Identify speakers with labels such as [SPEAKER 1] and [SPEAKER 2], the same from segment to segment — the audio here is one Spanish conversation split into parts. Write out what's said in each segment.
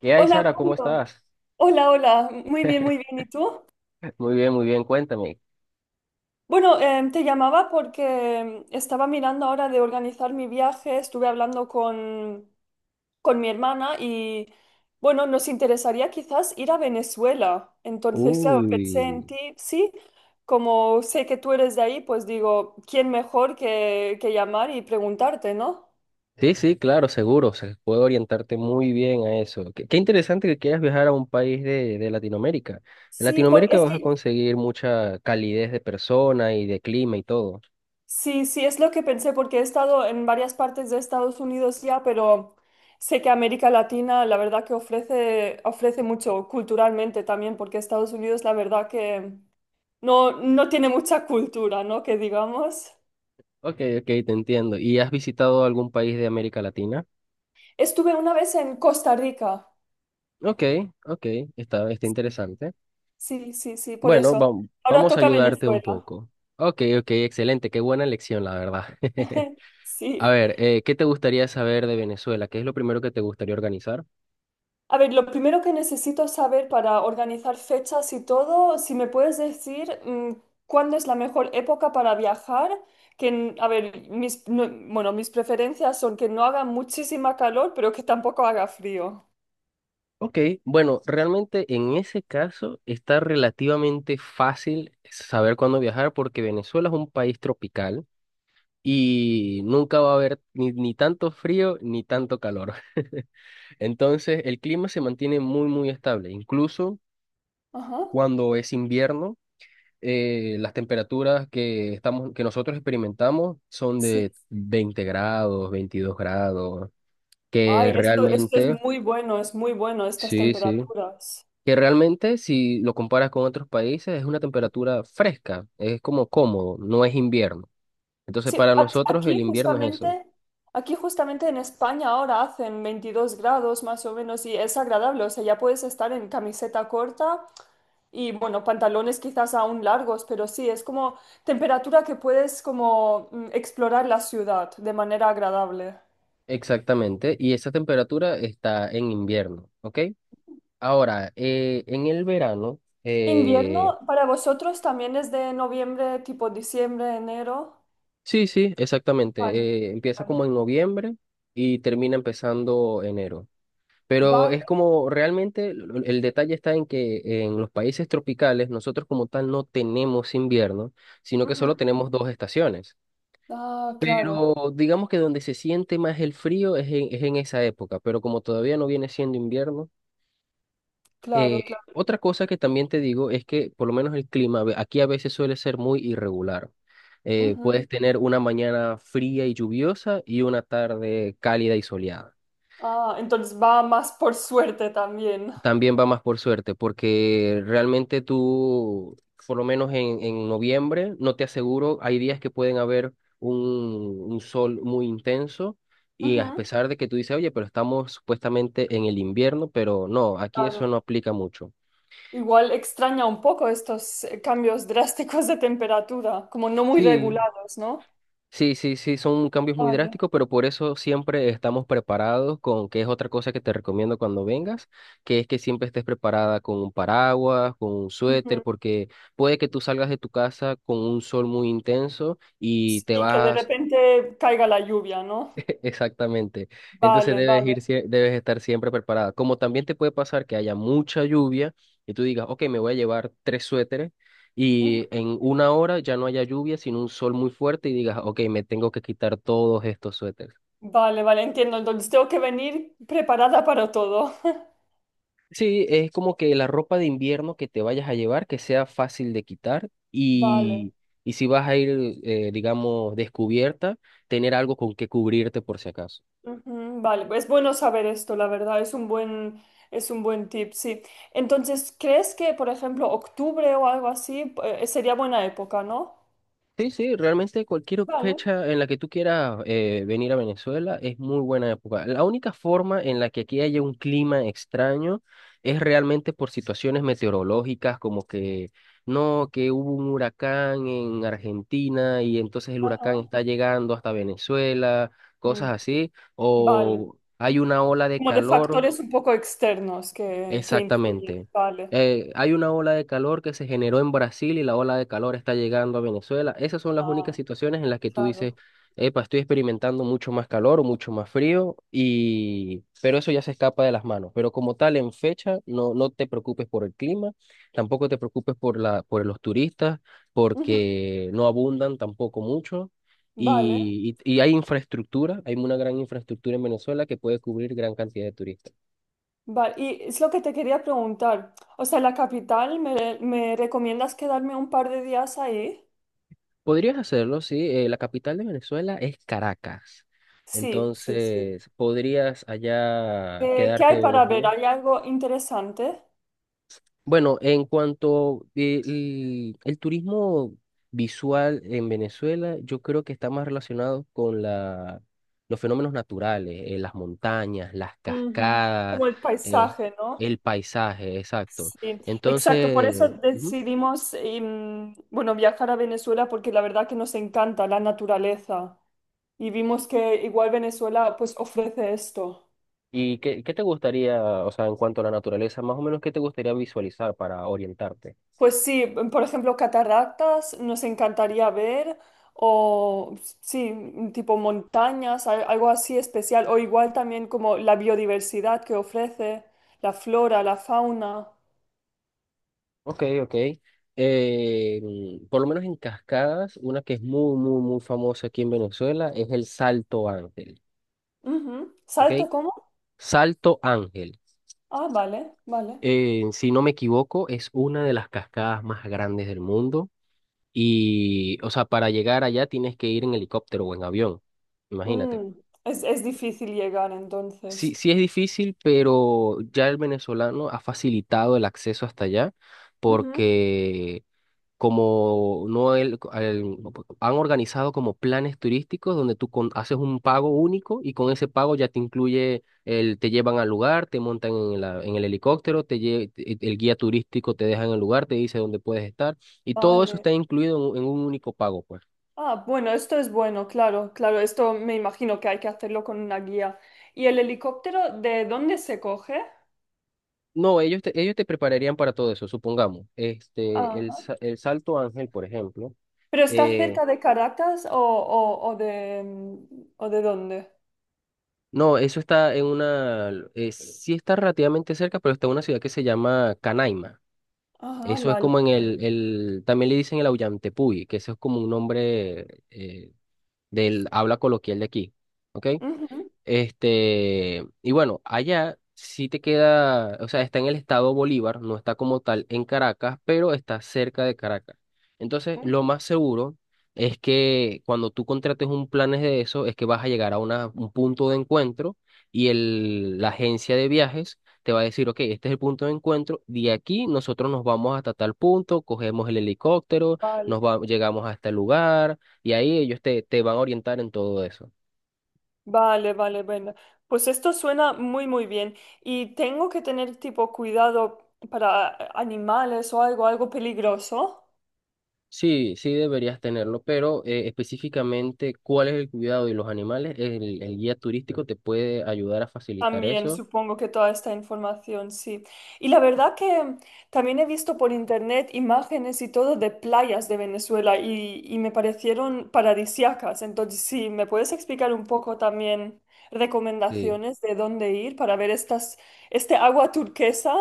[SPEAKER 1] ¿Qué hay,
[SPEAKER 2] Hola
[SPEAKER 1] Sara? ¿Cómo
[SPEAKER 2] Mario,
[SPEAKER 1] estás?
[SPEAKER 2] hola, hola, muy bien, muy bien. ¿Y tú?
[SPEAKER 1] Muy bien, cuéntame.
[SPEAKER 2] Bueno, te llamaba porque estaba mirando ahora de organizar mi viaje, estuve hablando con mi hermana y bueno, nos interesaría quizás ir a Venezuela. Entonces, claro, pensé en
[SPEAKER 1] Uy,
[SPEAKER 2] ti, sí, como sé que tú eres de ahí, pues digo, ¿quién mejor que llamar y preguntarte, no?
[SPEAKER 1] sí, sí, claro, seguro, se puedo orientarte muy bien a eso. Qué interesante que quieras viajar a un país de Latinoamérica. En
[SPEAKER 2] Sí, porque
[SPEAKER 1] Latinoamérica
[SPEAKER 2] es
[SPEAKER 1] vas a
[SPEAKER 2] que.
[SPEAKER 1] conseguir mucha calidez de persona y de clima y todo.
[SPEAKER 2] Sí, sí, es lo que pensé porque he estado en varias partes de Estados Unidos ya, pero sé que América Latina la verdad que ofrece, ofrece mucho culturalmente también, porque Estados Unidos la verdad que no tiene mucha cultura, ¿no? Que digamos.
[SPEAKER 1] Ok, ok, te entiendo. ¿Y has visitado algún país de América Latina?
[SPEAKER 2] Estuve una vez en Costa Rica.
[SPEAKER 1] Ok, ok, está, está interesante.
[SPEAKER 2] Sí, sí, sí, por
[SPEAKER 1] Bueno,
[SPEAKER 2] eso. Ahora
[SPEAKER 1] vamos a
[SPEAKER 2] toca
[SPEAKER 1] ayudarte un
[SPEAKER 2] Venezuela.
[SPEAKER 1] poco. Ok, ok, excelente, qué buena elección, la verdad. A
[SPEAKER 2] Sí.
[SPEAKER 1] ver, ¿qué te gustaría saber de Venezuela? ¿Qué es lo primero que te gustaría organizar?
[SPEAKER 2] A ver, lo primero que necesito saber para organizar fechas y todo, si me puedes decir cuándo es la mejor época para viajar, a ver, mis, no- bueno, mis preferencias son que no haga muchísima calor, pero que tampoco haga frío.
[SPEAKER 1] Ok, bueno, realmente en ese caso está relativamente fácil saber cuándo viajar porque Venezuela es un país tropical y nunca va a haber ni tanto frío ni tanto calor. Entonces, el clima se mantiene muy, muy estable. Incluso
[SPEAKER 2] Ajá.
[SPEAKER 1] cuando es invierno, las temperaturas que estamos, que nosotros experimentamos son
[SPEAKER 2] Sí.
[SPEAKER 1] de 20 grados, 22 grados. que
[SPEAKER 2] Ay, esto
[SPEAKER 1] realmente,
[SPEAKER 2] es muy bueno, estas
[SPEAKER 1] sí, sí,
[SPEAKER 2] temperaturas.
[SPEAKER 1] que realmente si lo comparas con otros países es una temperatura fresca, es como cómodo, no es invierno. Entonces
[SPEAKER 2] Sí,
[SPEAKER 1] para nosotros el
[SPEAKER 2] aquí
[SPEAKER 1] invierno es eso.
[SPEAKER 2] justamente, aquí justamente en España ahora hacen 22 grados más o menos y es agradable, o sea, ya puedes estar en camiseta corta. Y bueno, pantalones quizás aún largos, pero sí, es como temperatura que puedes como explorar la ciudad de manera agradable.
[SPEAKER 1] Exactamente, y esa temperatura está en invierno, ¿ok? Ahora, en el verano,
[SPEAKER 2] ¿Invierno para vosotros también es de noviembre, tipo diciembre, enero?
[SPEAKER 1] sí, sí,
[SPEAKER 2] Vale,
[SPEAKER 1] exactamente, empieza como
[SPEAKER 2] vale.
[SPEAKER 1] en noviembre y termina empezando enero. Pero
[SPEAKER 2] Vale.
[SPEAKER 1] es como realmente el detalle está en que en los países tropicales nosotros como tal no tenemos invierno, sino que
[SPEAKER 2] Ujú.
[SPEAKER 1] solo tenemos dos estaciones.
[SPEAKER 2] Ah, claro,
[SPEAKER 1] Pero digamos que donde se siente más el frío es en esa época, pero como todavía no viene siendo invierno.
[SPEAKER 2] claro,
[SPEAKER 1] eh,
[SPEAKER 2] claro.
[SPEAKER 1] otra cosa que también te digo es que por lo menos el clima aquí a veces suele ser muy irregular.
[SPEAKER 2] Ujú.
[SPEAKER 1] Puedes tener una mañana fría y lluviosa y una tarde cálida y soleada.
[SPEAKER 2] Ah, entonces va más por suerte también.
[SPEAKER 1] También va más por suerte, porque realmente tú, por lo menos en noviembre, no te aseguro, hay días que pueden haber un sol muy intenso y a
[SPEAKER 2] Ujú.
[SPEAKER 1] pesar de que tú dices, oye, pero estamos supuestamente en el invierno, pero no, aquí
[SPEAKER 2] Claro.
[SPEAKER 1] eso no aplica mucho.
[SPEAKER 2] Igual extraña un poco estos cambios drásticos de temperatura, como no muy
[SPEAKER 1] Sí,
[SPEAKER 2] regulados, ¿no?
[SPEAKER 1] sí, sí, sí, son cambios muy
[SPEAKER 2] Vale.
[SPEAKER 1] drásticos, pero por eso siempre estamos preparados con, que es otra cosa que te recomiendo cuando vengas, que es que siempre estés preparada con un paraguas, con un suéter, porque puede que tú salgas de tu casa con un sol muy intenso y te
[SPEAKER 2] Y que de
[SPEAKER 1] vas.
[SPEAKER 2] repente caiga la lluvia, ¿no?
[SPEAKER 1] Exactamente. Entonces
[SPEAKER 2] Vale,
[SPEAKER 1] debes
[SPEAKER 2] vale.
[SPEAKER 1] ir, debes estar siempre preparada. Como también te puede pasar que haya mucha lluvia y tú digas, ok, me voy a llevar tres suéteres
[SPEAKER 2] Ujú.
[SPEAKER 1] y en una hora ya no haya lluvia, sino un sol muy fuerte y digas, ok, me tengo que quitar todos estos suéteres.
[SPEAKER 2] Vale, vale, entiendo. Entonces tengo que venir preparada para todo.
[SPEAKER 1] Sí, es como que la ropa de invierno que te vayas a llevar, que sea fácil de quitar
[SPEAKER 2] Vale.
[SPEAKER 1] y si vas a ir, digamos, descubierta, tener algo con que cubrirte por si acaso.
[SPEAKER 2] Ujú. Vale, pues es bueno saber esto, la verdad, es un buen tip, sí. Entonces, ¿crees que, por ejemplo, octubre o algo así, sería buena época, no?
[SPEAKER 1] Sí, sí, realmente cualquier
[SPEAKER 2] Vale.
[SPEAKER 1] fecha en la que tú quieras venir a Venezuela es muy buena época. La única forma en la que aquí haya un clima extraño es realmente por situaciones meteorológicas, como que no, que hubo un huracán en Argentina y entonces el huracán
[SPEAKER 2] Ajá.
[SPEAKER 1] está llegando hasta Venezuela, cosas
[SPEAKER 2] Mm.
[SPEAKER 1] así,
[SPEAKER 2] Vale.
[SPEAKER 1] o hay una ola de
[SPEAKER 2] Como de
[SPEAKER 1] calor.
[SPEAKER 2] factores un poco externos que influyen.
[SPEAKER 1] Exactamente.
[SPEAKER 2] Vale.
[SPEAKER 1] Hay una ola de calor que se generó en Brasil y la ola de calor está llegando a Venezuela. Esas son las únicas
[SPEAKER 2] Ah,
[SPEAKER 1] situaciones en las que tú dices,
[SPEAKER 2] claro.
[SPEAKER 1] epa, estoy experimentando mucho más calor o mucho más frío, y pero eso ya se escapa de las manos. Pero como tal, en fecha, no, no te preocupes por el clima, tampoco te preocupes por la, por los turistas,
[SPEAKER 2] Ujú.
[SPEAKER 1] porque no abundan tampoco mucho.
[SPEAKER 2] Vale.
[SPEAKER 1] Y hay infraestructura, hay una gran infraestructura en Venezuela que puede cubrir gran cantidad de turistas.
[SPEAKER 2] Vale, y es lo que te quería preguntar. O sea, la capital, ¿me, me recomiendas quedarme un par de días ahí?
[SPEAKER 1] Podrías hacerlo, sí. La capital de Venezuela es Caracas.
[SPEAKER 2] Sí, sí, sí.
[SPEAKER 1] Entonces, podrías allá
[SPEAKER 2] ¿Qué
[SPEAKER 1] quedarte
[SPEAKER 2] hay para
[SPEAKER 1] unos
[SPEAKER 2] ver?
[SPEAKER 1] días.
[SPEAKER 2] ¿Hay algo interesante?
[SPEAKER 1] Bueno, en cuanto el turismo visual en Venezuela, yo creo que está más relacionado con los fenómenos naturales, las montañas, las
[SPEAKER 2] Ujú.
[SPEAKER 1] cascadas,
[SPEAKER 2] Como el
[SPEAKER 1] eh,
[SPEAKER 2] paisaje, ¿no?
[SPEAKER 1] el paisaje, exacto.
[SPEAKER 2] Sí, exacto. Por eso
[SPEAKER 1] Entonces, ujú.
[SPEAKER 2] decidimos, bueno, viajar a Venezuela porque la verdad que nos encanta la naturaleza y vimos que igual Venezuela pues ofrece esto.
[SPEAKER 1] ¿Y qué, qué te gustaría, o sea, en cuanto a la naturaleza, más o menos qué te gustaría visualizar para orientarte?
[SPEAKER 2] Pues sí, por ejemplo, cataractas nos encantaría ver, o sí, tipo montañas, algo así especial, o igual también como la biodiversidad que ofrece, la flora, la fauna.
[SPEAKER 1] Ok, ok. Por lo menos en cascadas, una que es muy, muy, muy famosa aquí en Venezuela es el Salto Ángel,
[SPEAKER 2] Ujú.
[SPEAKER 1] ¿ok?
[SPEAKER 2] ¿Salto cómo?
[SPEAKER 1] Salto Ángel.
[SPEAKER 2] Ah, vale, vale.
[SPEAKER 1] Si no me equivoco, es una de las cascadas más grandes del mundo y, o sea, para llegar allá tienes que ir en helicóptero o en avión, imagínate.
[SPEAKER 2] Mm. Es difícil llegar
[SPEAKER 1] Sí,
[SPEAKER 2] entonces.
[SPEAKER 1] sí es difícil, pero ya el venezolano ha facilitado el acceso hasta allá
[SPEAKER 2] Ujú.
[SPEAKER 1] porque como no no, pues, han organizado como planes turísticos donde tú haces un pago único y con ese pago ya te incluye el te llevan al lugar, te montan en en el helicóptero, te el guía turístico te deja en el lugar, te dice dónde puedes estar y todo eso
[SPEAKER 2] Vale.
[SPEAKER 1] está incluido en un único pago, pues.
[SPEAKER 2] Ah, bueno, esto es bueno, claro, claro, esto me imagino que hay que hacerlo con una guía. ¿Y el helicóptero de dónde se coge?
[SPEAKER 1] No, ellos te prepararían para todo eso, supongamos. Este, el, el Salto Ángel, por ejemplo,
[SPEAKER 2] ¿Pero está
[SPEAKER 1] Eh,
[SPEAKER 2] cerca de Caracas o de dónde?
[SPEAKER 1] no, eso está en una, sí está relativamente cerca, pero está en una ciudad que se llama Canaima.
[SPEAKER 2] Ajá,
[SPEAKER 1] Eso es
[SPEAKER 2] vale.
[SPEAKER 1] como en el también le dicen el Aullantepui, que eso es como un nombre del habla coloquial de aquí, ¿ok?
[SPEAKER 2] Ujú,
[SPEAKER 1] Este, y bueno, allá sí te queda, o sea, está en el estado Bolívar, no está como tal en Caracas, pero está cerca de Caracas. Entonces, lo
[SPEAKER 2] ujú.
[SPEAKER 1] más seguro es que cuando tú contrates un planes de eso, es que vas a llegar a un punto de encuentro y el, la agencia de viajes te va a decir, ok, este es el punto de encuentro, de aquí nosotros nos vamos hasta tal punto, cogemos el helicóptero,
[SPEAKER 2] Vale,
[SPEAKER 1] llegamos hasta el lugar y ahí ellos te, te van a orientar en todo eso.
[SPEAKER 2] vale, vale, bueno. Pues esto suena muy, muy bien. Y tengo que tener tipo cuidado para animales o algo, algo peligroso.
[SPEAKER 1] Sí, sí deberías tenerlo, pero específicamente cuál es el cuidado de los animales, el guía turístico te puede ayudar a facilitar
[SPEAKER 2] También
[SPEAKER 1] eso.
[SPEAKER 2] supongo que toda esta información, sí. Y la verdad que también he visto por internet imágenes y todo de playas de Venezuela y me parecieron paradisíacas. Entonces, sí, ¿me puedes explicar un poco también
[SPEAKER 1] Sí.
[SPEAKER 2] recomendaciones de dónde ir para ver estas, este agua turquesa?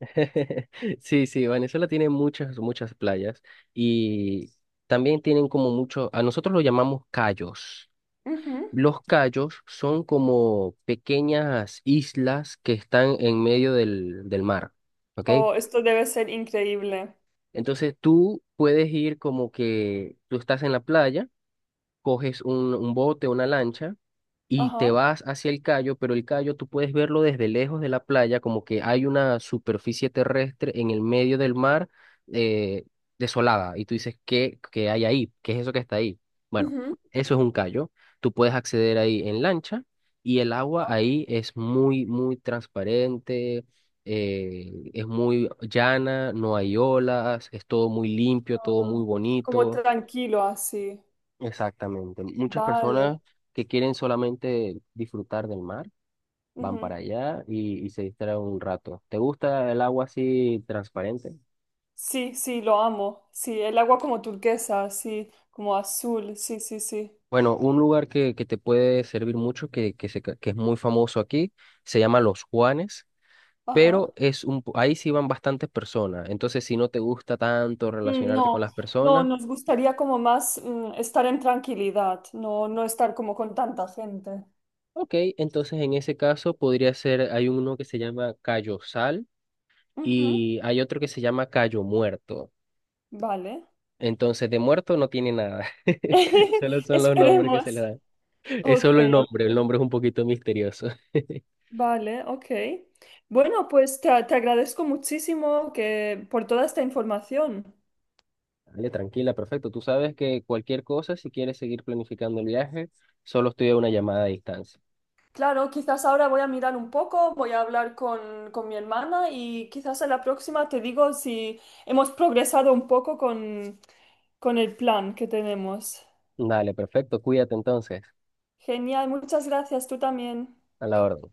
[SPEAKER 1] Sí, sí, Venezuela tiene muchas, muchas playas y también tienen como muchos, a nosotros lo llamamos cayos.
[SPEAKER 2] Ujú.
[SPEAKER 1] Los cayos son como pequeñas islas que están en medio del mar, ¿ok?
[SPEAKER 2] Oh, esto debe ser increíble.
[SPEAKER 1] Entonces tú puedes ir como que tú estás en la playa. Coges un bote, una lancha y te
[SPEAKER 2] Ajá.
[SPEAKER 1] vas hacia el callo, pero el callo tú puedes verlo desde lejos de la playa, como que hay una superficie terrestre en el medio del mar, eh, desolada. Y tú dices, ¿qué hay ahí? ¿Qué es eso que está ahí? Bueno,
[SPEAKER 2] Ujú.
[SPEAKER 1] eso es un callo. Tú puedes acceder ahí en lancha y el agua
[SPEAKER 2] Ah,
[SPEAKER 1] ahí es muy, muy transparente. Es muy llana, no hay olas, es todo muy limpio, todo
[SPEAKER 2] ah,
[SPEAKER 1] muy
[SPEAKER 2] como
[SPEAKER 1] bonito.
[SPEAKER 2] tranquilo así.
[SPEAKER 1] Exactamente. Muchas
[SPEAKER 2] Vale.
[SPEAKER 1] personas que quieren solamente disfrutar del mar van para allá y se distraen un rato. ¿Te gusta el agua así transparente?
[SPEAKER 2] Sí, sí, lo amo. Sí, el agua como turquesa, sí, como azul, sí, sí, sí.
[SPEAKER 1] Bueno, un lugar que te puede servir mucho, que es muy famoso aquí, se llama Los Juanes,
[SPEAKER 2] Ajá.
[SPEAKER 1] pero es un, ahí sí van bastantes personas. Entonces, si no te gusta tanto
[SPEAKER 2] Mm.
[SPEAKER 1] relacionarte con
[SPEAKER 2] No,
[SPEAKER 1] las
[SPEAKER 2] no,
[SPEAKER 1] personas,
[SPEAKER 2] nos gustaría como más estar en tranquilidad, no, no estar como con tanta gente.
[SPEAKER 1] ok, entonces en ese caso podría ser, hay uno que se llama Cayo Sal
[SPEAKER 2] Ujú.
[SPEAKER 1] y hay otro que se llama Cayo Muerto.
[SPEAKER 2] Vale.
[SPEAKER 1] Entonces, de muerto no tiene nada. Solo son los nombres que se le
[SPEAKER 2] Esperemos.
[SPEAKER 1] dan. Es
[SPEAKER 2] Ok,
[SPEAKER 1] solo
[SPEAKER 2] ok.
[SPEAKER 1] el nombre es un poquito misterioso.
[SPEAKER 2] Vale, ok. Bueno, pues te agradezco muchísimo por toda esta información.
[SPEAKER 1] Dale, tranquila, perfecto. Tú sabes que cualquier cosa, si quieres seguir planificando el viaje, solo estoy a una llamada de distancia.
[SPEAKER 2] Claro, quizás ahora voy a mirar un poco, voy a hablar con mi hermana y quizás a la próxima te digo si hemos progresado un poco con el plan que tenemos.
[SPEAKER 1] Dale, perfecto. Cuídate entonces.
[SPEAKER 2] Genial, muchas gracias, tú también.
[SPEAKER 1] A la orden.